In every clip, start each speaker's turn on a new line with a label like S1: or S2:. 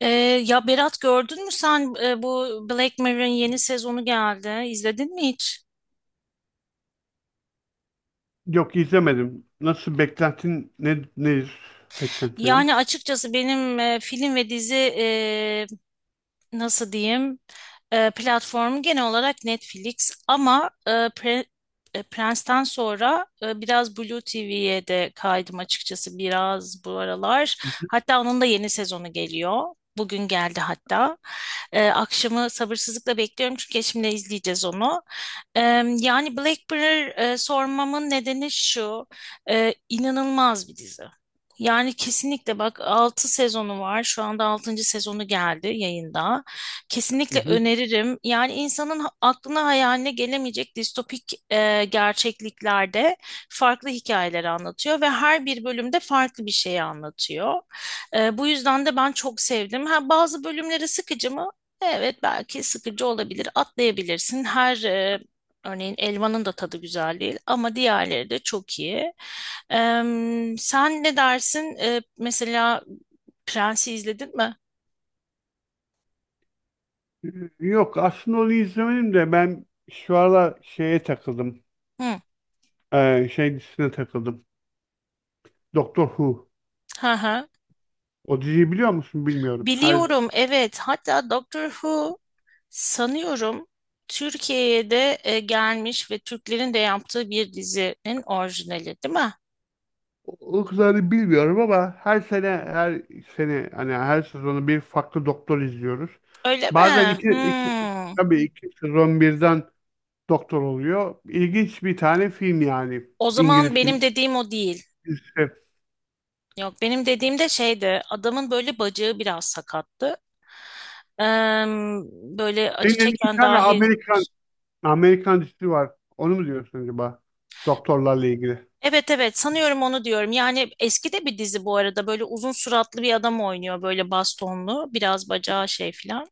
S1: Ee, ya Berat gördün mü sen bu Black Mirror'ın yeni sezonu geldi. İzledin mi hiç?
S2: Yok, izlemedim. Nasıl beklentin nedir?
S1: Yani
S2: Beklentinin?
S1: açıkçası benim film ve dizi nasıl diyeyim? Platformu genel olarak Netflix ama Prens'ten sonra biraz Blue TV'ye de kaydım açıkçası biraz bu aralar.
S2: Hı hı.
S1: Hatta onun da yeni sezonu geliyor. Bugün geldi hatta. Akşamı sabırsızlıkla bekliyorum çünkü eşimle izleyeceğiz onu. E, Yani Black Mirror, sormamın nedeni şu. İnanılmaz bir dizi. Yani kesinlikle bak 6 sezonu var. Şu anda altıncı sezonu geldi yayında. Kesinlikle
S2: Hı
S1: öneririm. Yani insanın aklına hayaline gelemeyecek distopik gerçekliklerde farklı hikayeleri anlatıyor ve her bir bölümde farklı bir şeyi anlatıyor. Bu yüzden de ben çok sevdim. Ha, bazı bölümleri sıkıcı mı? Evet, belki sıkıcı olabilir. Atlayabilirsin. Örneğin Elvan'ın da tadı güzel değil ama diğerleri de çok iyi. Sen ne dersin? Mesela Prens'i izledin mi?
S2: hı. Yok, aslında onu izlemedim de ben şu aralar şeye takıldım.
S1: Hı.
S2: Şey dizisine takıldım. Doktor Who.
S1: Hı hı.
S2: O diziyi biliyor musun bilmiyorum. Her
S1: Biliyorum evet, hatta Doctor Who sanıyorum Türkiye'ye de gelmiş ve Türklerin de yaptığı bir dizinin orijinali değil mi?
S2: o kadarını bilmiyorum ama her sene her sene hani her sezonu bir farklı doktor izliyoruz.
S1: Öyle
S2: Bazen
S1: mi? Hmm.
S2: tabii iki sezon birden doktor oluyor. İlginç bir tane film yani.
S1: O
S2: İngiliz
S1: zaman benim dediğim o değil.
S2: film.
S1: Yok, benim dediğim de şeydi, adamın böyle bacağı biraz sakattı. Eee, Böyle
S2: Senin
S1: acı
S2: elinde bir
S1: çeken
S2: tane
S1: dahi.
S2: Amerikan dizisi var. Onu mu diyorsun acaba? Doktorlarla ilgili.
S1: Evet evet, sanıyorum onu diyorum. Yani eski de bir dizi bu arada, böyle uzun suratlı bir adam oynuyor, böyle bastonlu, biraz bacağı şey filan.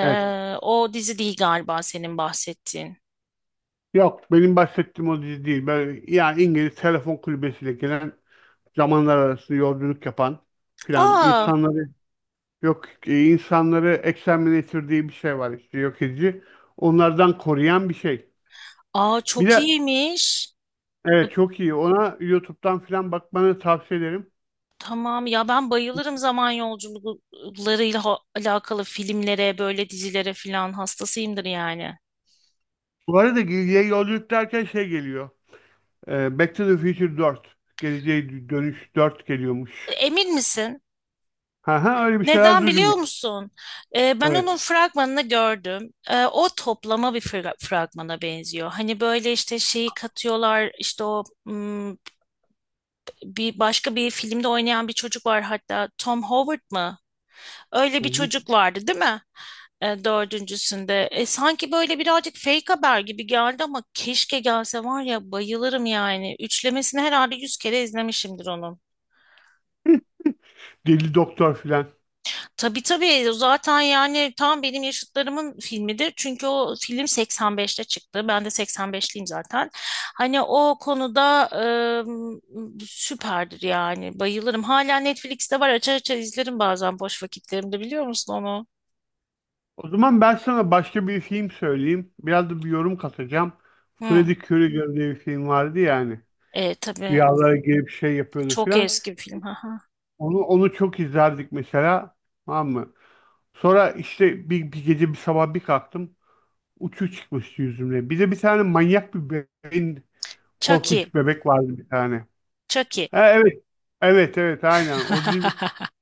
S2: Evet.
S1: O dizi değil galiba senin bahsettiğin.
S2: Yok, benim bahsettiğim o dizi değil. Böyle, yani İngiliz telefon kulübesiyle gelen zamanlar arası yolculuk yapan filan
S1: Aa,
S2: insanları yok, insanları exterminator diye bir şey var, işte yok edici. Onlardan koruyan bir şey.
S1: aa,
S2: Bir
S1: çok
S2: de
S1: iyiymiş.
S2: evet, çok iyi. Ona YouTube'dan filan bakmanı tavsiye ederim.
S1: Tamam ya, ben bayılırım zaman yolculuklarıyla alakalı filmlere, böyle dizilere filan hastasıyımdır yani.
S2: Bu arada Gildi'ye yolculuk derken şey geliyor. Back to the Future dört, Geleceğe Dönüş 4 geliyormuş.
S1: Emin misin?
S2: Ha ha, öyle bir şeyler
S1: Neden
S2: duydum
S1: biliyor
S2: ya.
S1: musun? Ben onun
S2: Evet.
S1: fragmanını gördüm. O toplama bir fragmana benziyor. Hani böyle işte şeyi katıyorlar işte o hmm, bir başka bir filmde oynayan bir çocuk var, hatta Tom Howard mı? Öyle
S2: Hı
S1: bir
S2: hı.
S1: çocuk vardı değil mi? Dördüncüsünde. Sanki böyle birazcık fake haber gibi geldi ama keşke gelse var ya, bayılırım yani. Üçlemesini herhalde 100 kere izlemişimdir onun.
S2: Deli Doktor filan.
S1: Tabii tabii, o zaten yani tam benim yaşıtlarımın filmidir. Çünkü o film 85'te çıktı. Ben de 85'liyim zaten. Hani o konuda süperdir yani, bayılırım. Hala Netflix'te var, açar açar izlerim bazen boş vakitlerimde, biliyor musun onu?
S2: O zaman ben sana başka bir film söyleyeyim. Biraz da bir yorum katacağım.
S1: Hı.
S2: Freddie Krueger diye bir film vardı yani.
S1: Tabii.
S2: Rüyalara girip şey yapıyordu
S1: Çok
S2: filan.
S1: eski bir film. Haha.
S2: Onu çok izlerdik mesela. Tamam mı? Sonra işte bir gece bir sabah bir kalktım. Uçu çıkmıştı yüzümle. Bir de bir tane manyak bir bebeğin
S1: Chucky.
S2: korkunç bebek vardı bir tane.
S1: Chucky.
S2: Ha, evet. Evet evet, aynen. O dizi,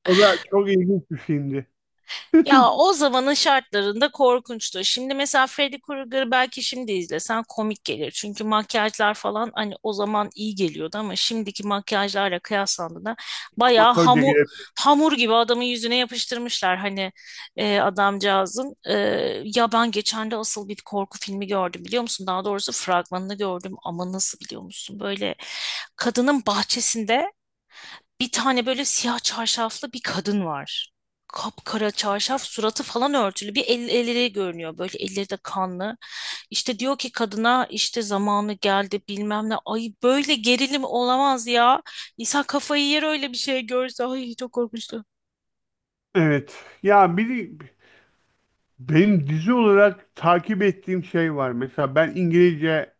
S2: o da çok ilginç bir filmdi.
S1: Ya o zamanın şartlarında korkunçtu. Şimdi mesela Freddy Krueger belki şimdi izlesen komik gelir. Çünkü makyajlar falan hani o zaman iyi geliyordu ama şimdiki makyajlarla kıyaslandığında bayağı
S2: Amatörce
S1: hamur,
S2: gelip.
S1: hamur gibi adamın yüzüne yapıştırmışlar. Hani adamcağızın. Ya ben geçen de asıl bir korku filmi gördüm, biliyor musun? Daha doğrusu fragmanını gördüm ama nasıl, biliyor musun? Böyle kadının bahçesinde bir tane böyle siyah çarşaflı bir kadın var. Kapkara çarşaf, suratı falan örtülü. Elleri görünüyor. Böyle elleri de kanlı. İşte diyor ki kadına, işte zamanı geldi bilmem ne. Ay, böyle gerilim olamaz ya. İnsan kafayı yer öyle bir şey görse. Ay, çok korkmuştu.
S2: Evet. Ya bir, benim dizi olarak takip ettiğim şey var. Mesela ben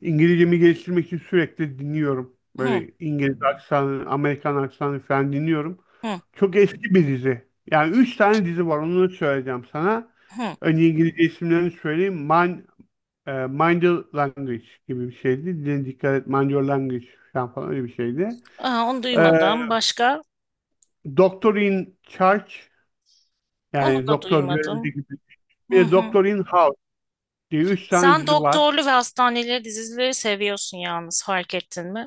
S2: İngilizcemi geliştirmek için sürekli dinliyorum.
S1: Hı
S2: Böyle İngiliz aksanı, Amerikan aksanı falan dinliyorum.
S1: hı
S2: Çok eski bir dizi. Yani üç tane dizi var. Onu da söyleyeceğim sana.
S1: hı.
S2: Önce İngilizce isimlerini söyleyeyim. Mind Your Language gibi bir şeydi. Dile dikkat et, Mind Your Language falan öyle bir şeydi.
S1: Aa, onu
S2: Ee,
S1: duymadım. Başka?
S2: Doctor in Charge,
S1: Onu
S2: yani
S1: da
S2: doktor görevde
S1: duymadım.
S2: gibi. Bir
S1: Hı
S2: de
S1: hı.
S2: Doctor in House diye üç tane
S1: Sen
S2: dizi var.
S1: doktorlu ve hastaneleri dizileri seviyorsun yalnız, fark ettin mi?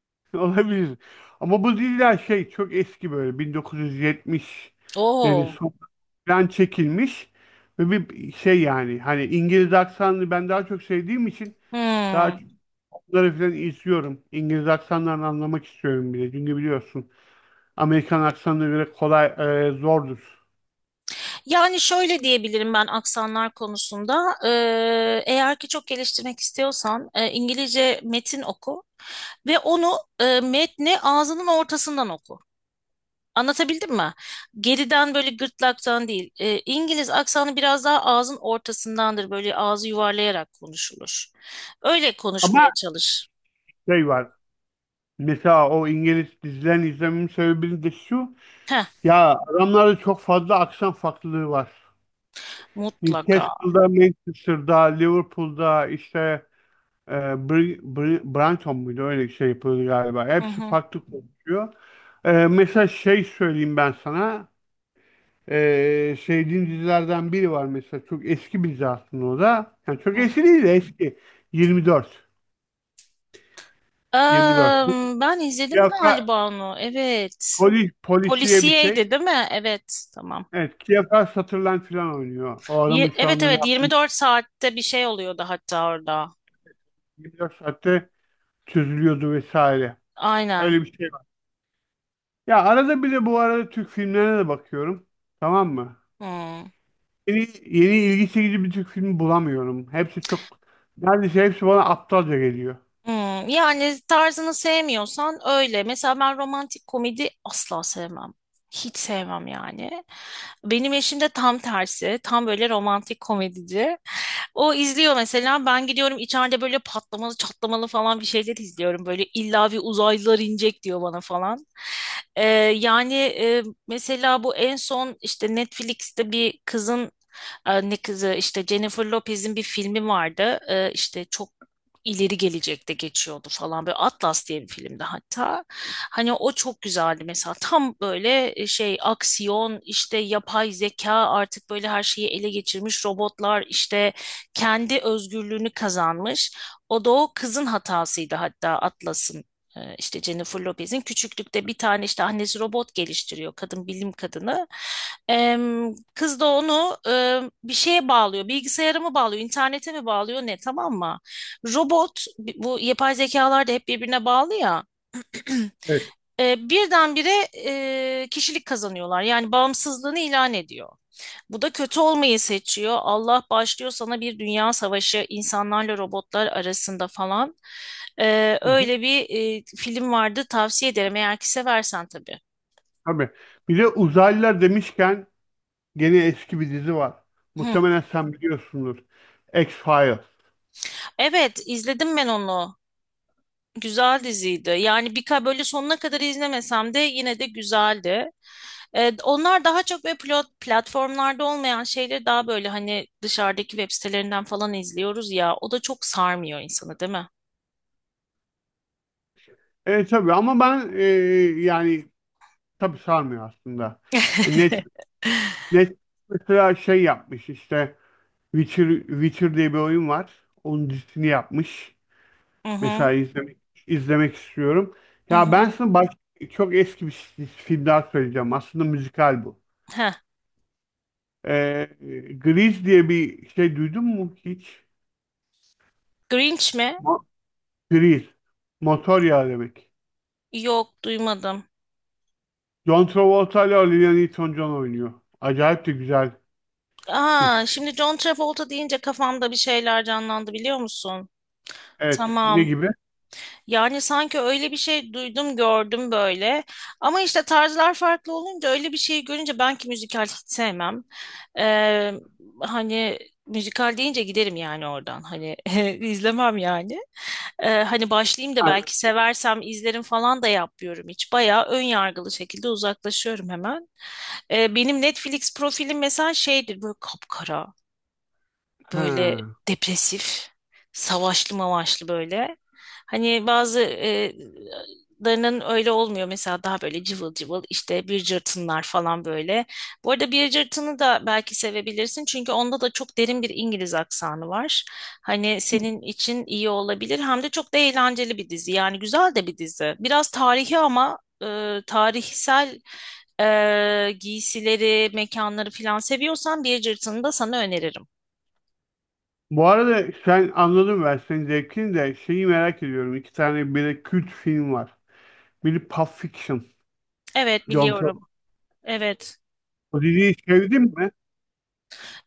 S2: Olabilir. Ama bu diziler şey çok eski, böyle 1970'lerin
S1: Oo.
S2: sonundan çekilmiş ve bir şey yani hani İngiliz aksanını ben daha çok sevdiğim için daha
S1: Hı.
S2: çok bunları falan izliyorum. İngiliz aksanlarını anlamak istiyorum bile. Çünkü biliyorsun, Amerikan aksanına göre kolay, zordur.
S1: Yani şöyle diyebilirim ben aksanlar konusunda. Eğer ki çok geliştirmek istiyorsan İngilizce metin oku ve onu metni ağzının ortasından oku. Anlatabildim mi? Geriden böyle gırtlaktan değil. İngiliz aksanı biraz daha ağzın ortasındandır. Böyle ağzı yuvarlayarak konuşulur. Öyle konuşmaya
S2: Ama
S1: çalış.
S2: şey var. Mesela o İngiliz dizilerini izlememin sebebi de şu.
S1: Heh,
S2: Ya adamlarda çok fazla aksan farklılığı var.
S1: mutlaka.
S2: Newcastle'da, Manchester'da, Liverpool'da işte Brighton muydu, öyle bir şey yapıldı galiba.
S1: Hı
S2: Hepsi
S1: hı,
S2: farklı konuşuyor. Mesela şey söyleyeyim ben sana. E, sevdiğim dizilerden biri var mesela. Çok eski bir dizi aslında o da. Yani çok
S1: hı.
S2: eski değil de eski. 24. 24. Bu
S1: Am, ben izledim
S2: siyasa-
S1: galiba onu. Evet.
S2: polis, polisiye bir şey.
S1: Polisiyeydi değil mi? Evet. Tamam.
S2: Evet, Kiyafar Sutherland falan oynuyor. O adamın şu
S1: Evet
S2: anda ne
S1: evet,
S2: yaptığını
S1: 24 saatte bir şey oluyordu hatta orada.
S2: 24 saatte çözülüyordu vesaire.
S1: Aynen.
S2: Öyle bir şey var. Ya arada bir de bu arada Türk filmlerine de bakıyorum. Tamam mı?
S1: Hmm.
S2: Yeni, yeni ilgi çekici bir Türk filmi bulamıyorum. Neredeyse hepsi bana aptalca geliyor.
S1: Hmm, yani tarzını sevmiyorsan öyle. Mesela ben romantik komedi asla sevmem. Hiç sevmem yani. Benim eşim de tam tersi. Tam böyle romantik komedici. O izliyor mesela. Ben gidiyorum içeride böyle patlamalı çatlamalı falan bir şeyler izliyorum. Böyle illa bir uzaylılar inecek diyor bana falan. Ee, Mesela bu en son işte Netflix'te bir kızın, ne kızı, işte Jennifer Lopez'in bir filmi vardı. İşte çok ileri gelecekte geçiyordu falan, böyle Atlas diye bir filmdi hatta. Hani o çok güzeldi mesela, tam böyle şey aksiyon, işte yapay zeka artık böyle her şeyi ele geçirmiş, robotlar işte kendi özgürlüğünü kazanmış. O da o kızın hatasıydı hatta, Atlas'ın. İşte Jennifer Lopez'in küçüklükte bir tane işte annesi robot geliştiriyor, kadın bilim kadını. Kız da onu bir şeye bağlıyor, bilgisayara mı bağlıyor, internete mi bağlıyor ne, tamam mı? Robot, bu yapay zekalar da hep birbirine bağlı ya.
S2: Evet.
S1: Birdenbire kişilik kazanıyorlar. Yani bağımsızlığını ilan ediyor. Bu da kötü olmayı seçiyor. Allah başlıyor sana bir dünya savaşı insanlarla robotlar arasında falan.
S2: Hı hı.
S1: Öyle bir film vardı, tavsiye ederim eğer ki seversen tabii.
S2: Tabii. Bir de uzaylılar demişken gene eski bir dizi var.
S1: Hı.
S2: Muhtemelen sen biliyorsundur. X-Files.
S1: Evet, izledim ben onu. Güzel diziydi. Yani bir böyle sonuna kadar izlemesem de yine de güzeldi. Onlar daha çok böyle platformlarda olmayan şeyleri daha böyle hani dışarıdaki web sitelerinden falan izliyoruz ya. O da çok sarmıyor insanı, değil mi?
S2: Evet tabii, ama ben yani tabii sarmıyor aslında. Net net mesela şey yapmış, işte Witcher diye bir oyun var. Onun dizisini yapmış.
S1: Hı
S2: Mesela
S1: hı.
S2: izlemek istiyorum.
S1: Hı
S2: Ya
S1: hı.
S2: ben sana çok eski bir film daha söyleyeceğim. Aslında müzikal bu.
S1: Heh.
S2: Ee, Grease diye bir şey duydun mu hiç?
S1: Grinch mi?
S2: Mo Grease. Motor yağı demek.
S1: Yok, duymadım.
S2: John Travolta ile Olivia Newton-John oynuyor. Acayip de güzel bir.
S1: Aa, şimdi John Travolta deyince kafamda bir şeyler canlandı, biliyor musun?
S2: Evet. Ne
S1: Tamam.
S2: gibi?
S1: Yani sanki öyle bir şey duydum gördüm böyle. Ama işte tarzlar farklı olunca öyle bir şeyi görünce, ben ki müzikal hiç sevmem. Ee, Hani müzikal deyince giderim yani oradan. Hani izlemem yani. Hani başlayayım da
S2: Ha,
S1: belki seversem izlerim falan da yapmıyorum hiç. Bayağı ön yargılı şekilde uzaklaşıyorum hemen. Benim Netflix profilim mesela şeydir, böyle kapkara, böyle
S2: ha.
S1: depresif, savaşlı mavaşlı böyle. Hani bazı larının öyle olmuyor. Mesela daha böyle cıvıl cıvıl işte bir cırtınlar falan böyle. Bu arada bir cırtını da belki sevebilirsin. Çünkü onda da çok derin bir İngiliz aksanı var. Hani senin için iyi olabilir. Hem de çok da eğlenceli bir dizi. Yani güzel de bir dizi. Biraz tarihi ama tarihsel giysileri, mekanları falan seviyorsan bir cırtını da sana öneririm.
S2: Bu arada sen, anladım ben senin zevkini de şeyi merak ediyorum. İki tane biri kült film var. Biri Pulp Fiction.
S1: Evet,
S2: John
S1: biliyorum.
S2: Travolta.
S1: Evet.
S2: O diziyi sevdin mi?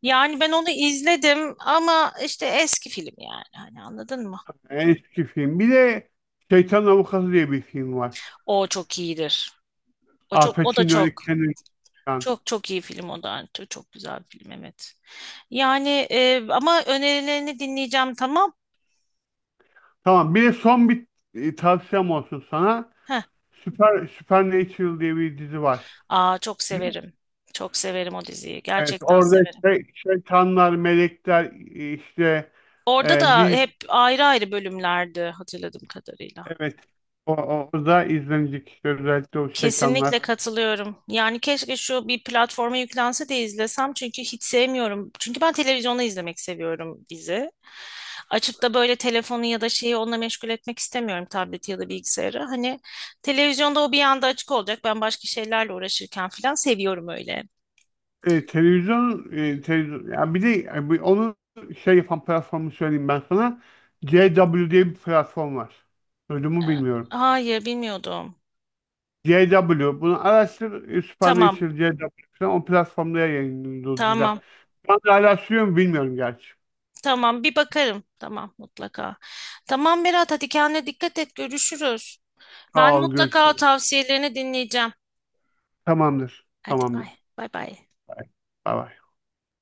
S1: Yani ben onu izledim ama işte eski film yani. Hani anladın mı?
S2: En eski film. Bir de Şeytan Avukatı diye bir film var.
S1: O çok iyidir. O
S2: Al
S1: çok o da
S2: Pacino
S1: çok
S2: öyle kendini tutan.
S1: çok çok iyi film o da. Yani çok, çok güzel bir film, evet. Yani ama önerilerini dinleyeceğim, tamam.
S2: Tamam, bir de son bir tavsiyem olsun sana.
S1: Heh.
S2: Supernatural diye bir dizi var.
S1: Aa, çok
S2: Biliyor musun?
S1: severim. Çok severim o diziyi.
S2: Evet,
S1: Gerçekten
S2: orada
S1: severim.
S2: şeytanlar, melekler, e, işte
S1: Orada da
S2: Lily.
S1: hep ayrı ayrı bölümlerdi hatırladığım kadarıyla.
S2: Evet. O da izlenecek işte, özellikle o şeytanlar.
S1: Kesinlikle katılıyorum. Yani keşke şu bir platforma yüklense de izlesem, çünkü hiç sevmiyorum. Çünkü ben televizyonda izlemek seviyorum dizi. Açıp da böyle telefonu ya da şeyi onunla meşgul etmek istemiyorum, tableti ya da bilgisayarı. Hani televizyonda o bir anda açık olacak. Ben başka şeylerle uğraşırken falan seviyorum öyle.
S2: Televizyon ya, bir de onun şey yapan platformu söyleyeyim ben sana. CW diye bir platform var. Duydun mu
S1: Ee,
S2: bilmiyorum.
S1: Hayır, bilmiyordum.
S2: CW. Bunu araştır.
S1: Tamam,
S2: Supernatural CW falan. O platformda yayınlıyor diziler.
S1: tamam.
S2: Ben de hala sürüyor mu bilmiyorum gerçi.
S1: Tamam, bir bakarım. Tamam, mutlaka. Tamam Berat, hadi kendine dikkat et, görüşürüz.
S2: Sağ
S1: Ben
S2: ol.
S1: mutlaka
S2: Görüşürüz.
S1: tavsiyelerini dinleyeceğim.
S2: Tamamdır.
S1: Hadi bay
S2: Tamamdır.
S1: bay.
S2: Bay bay.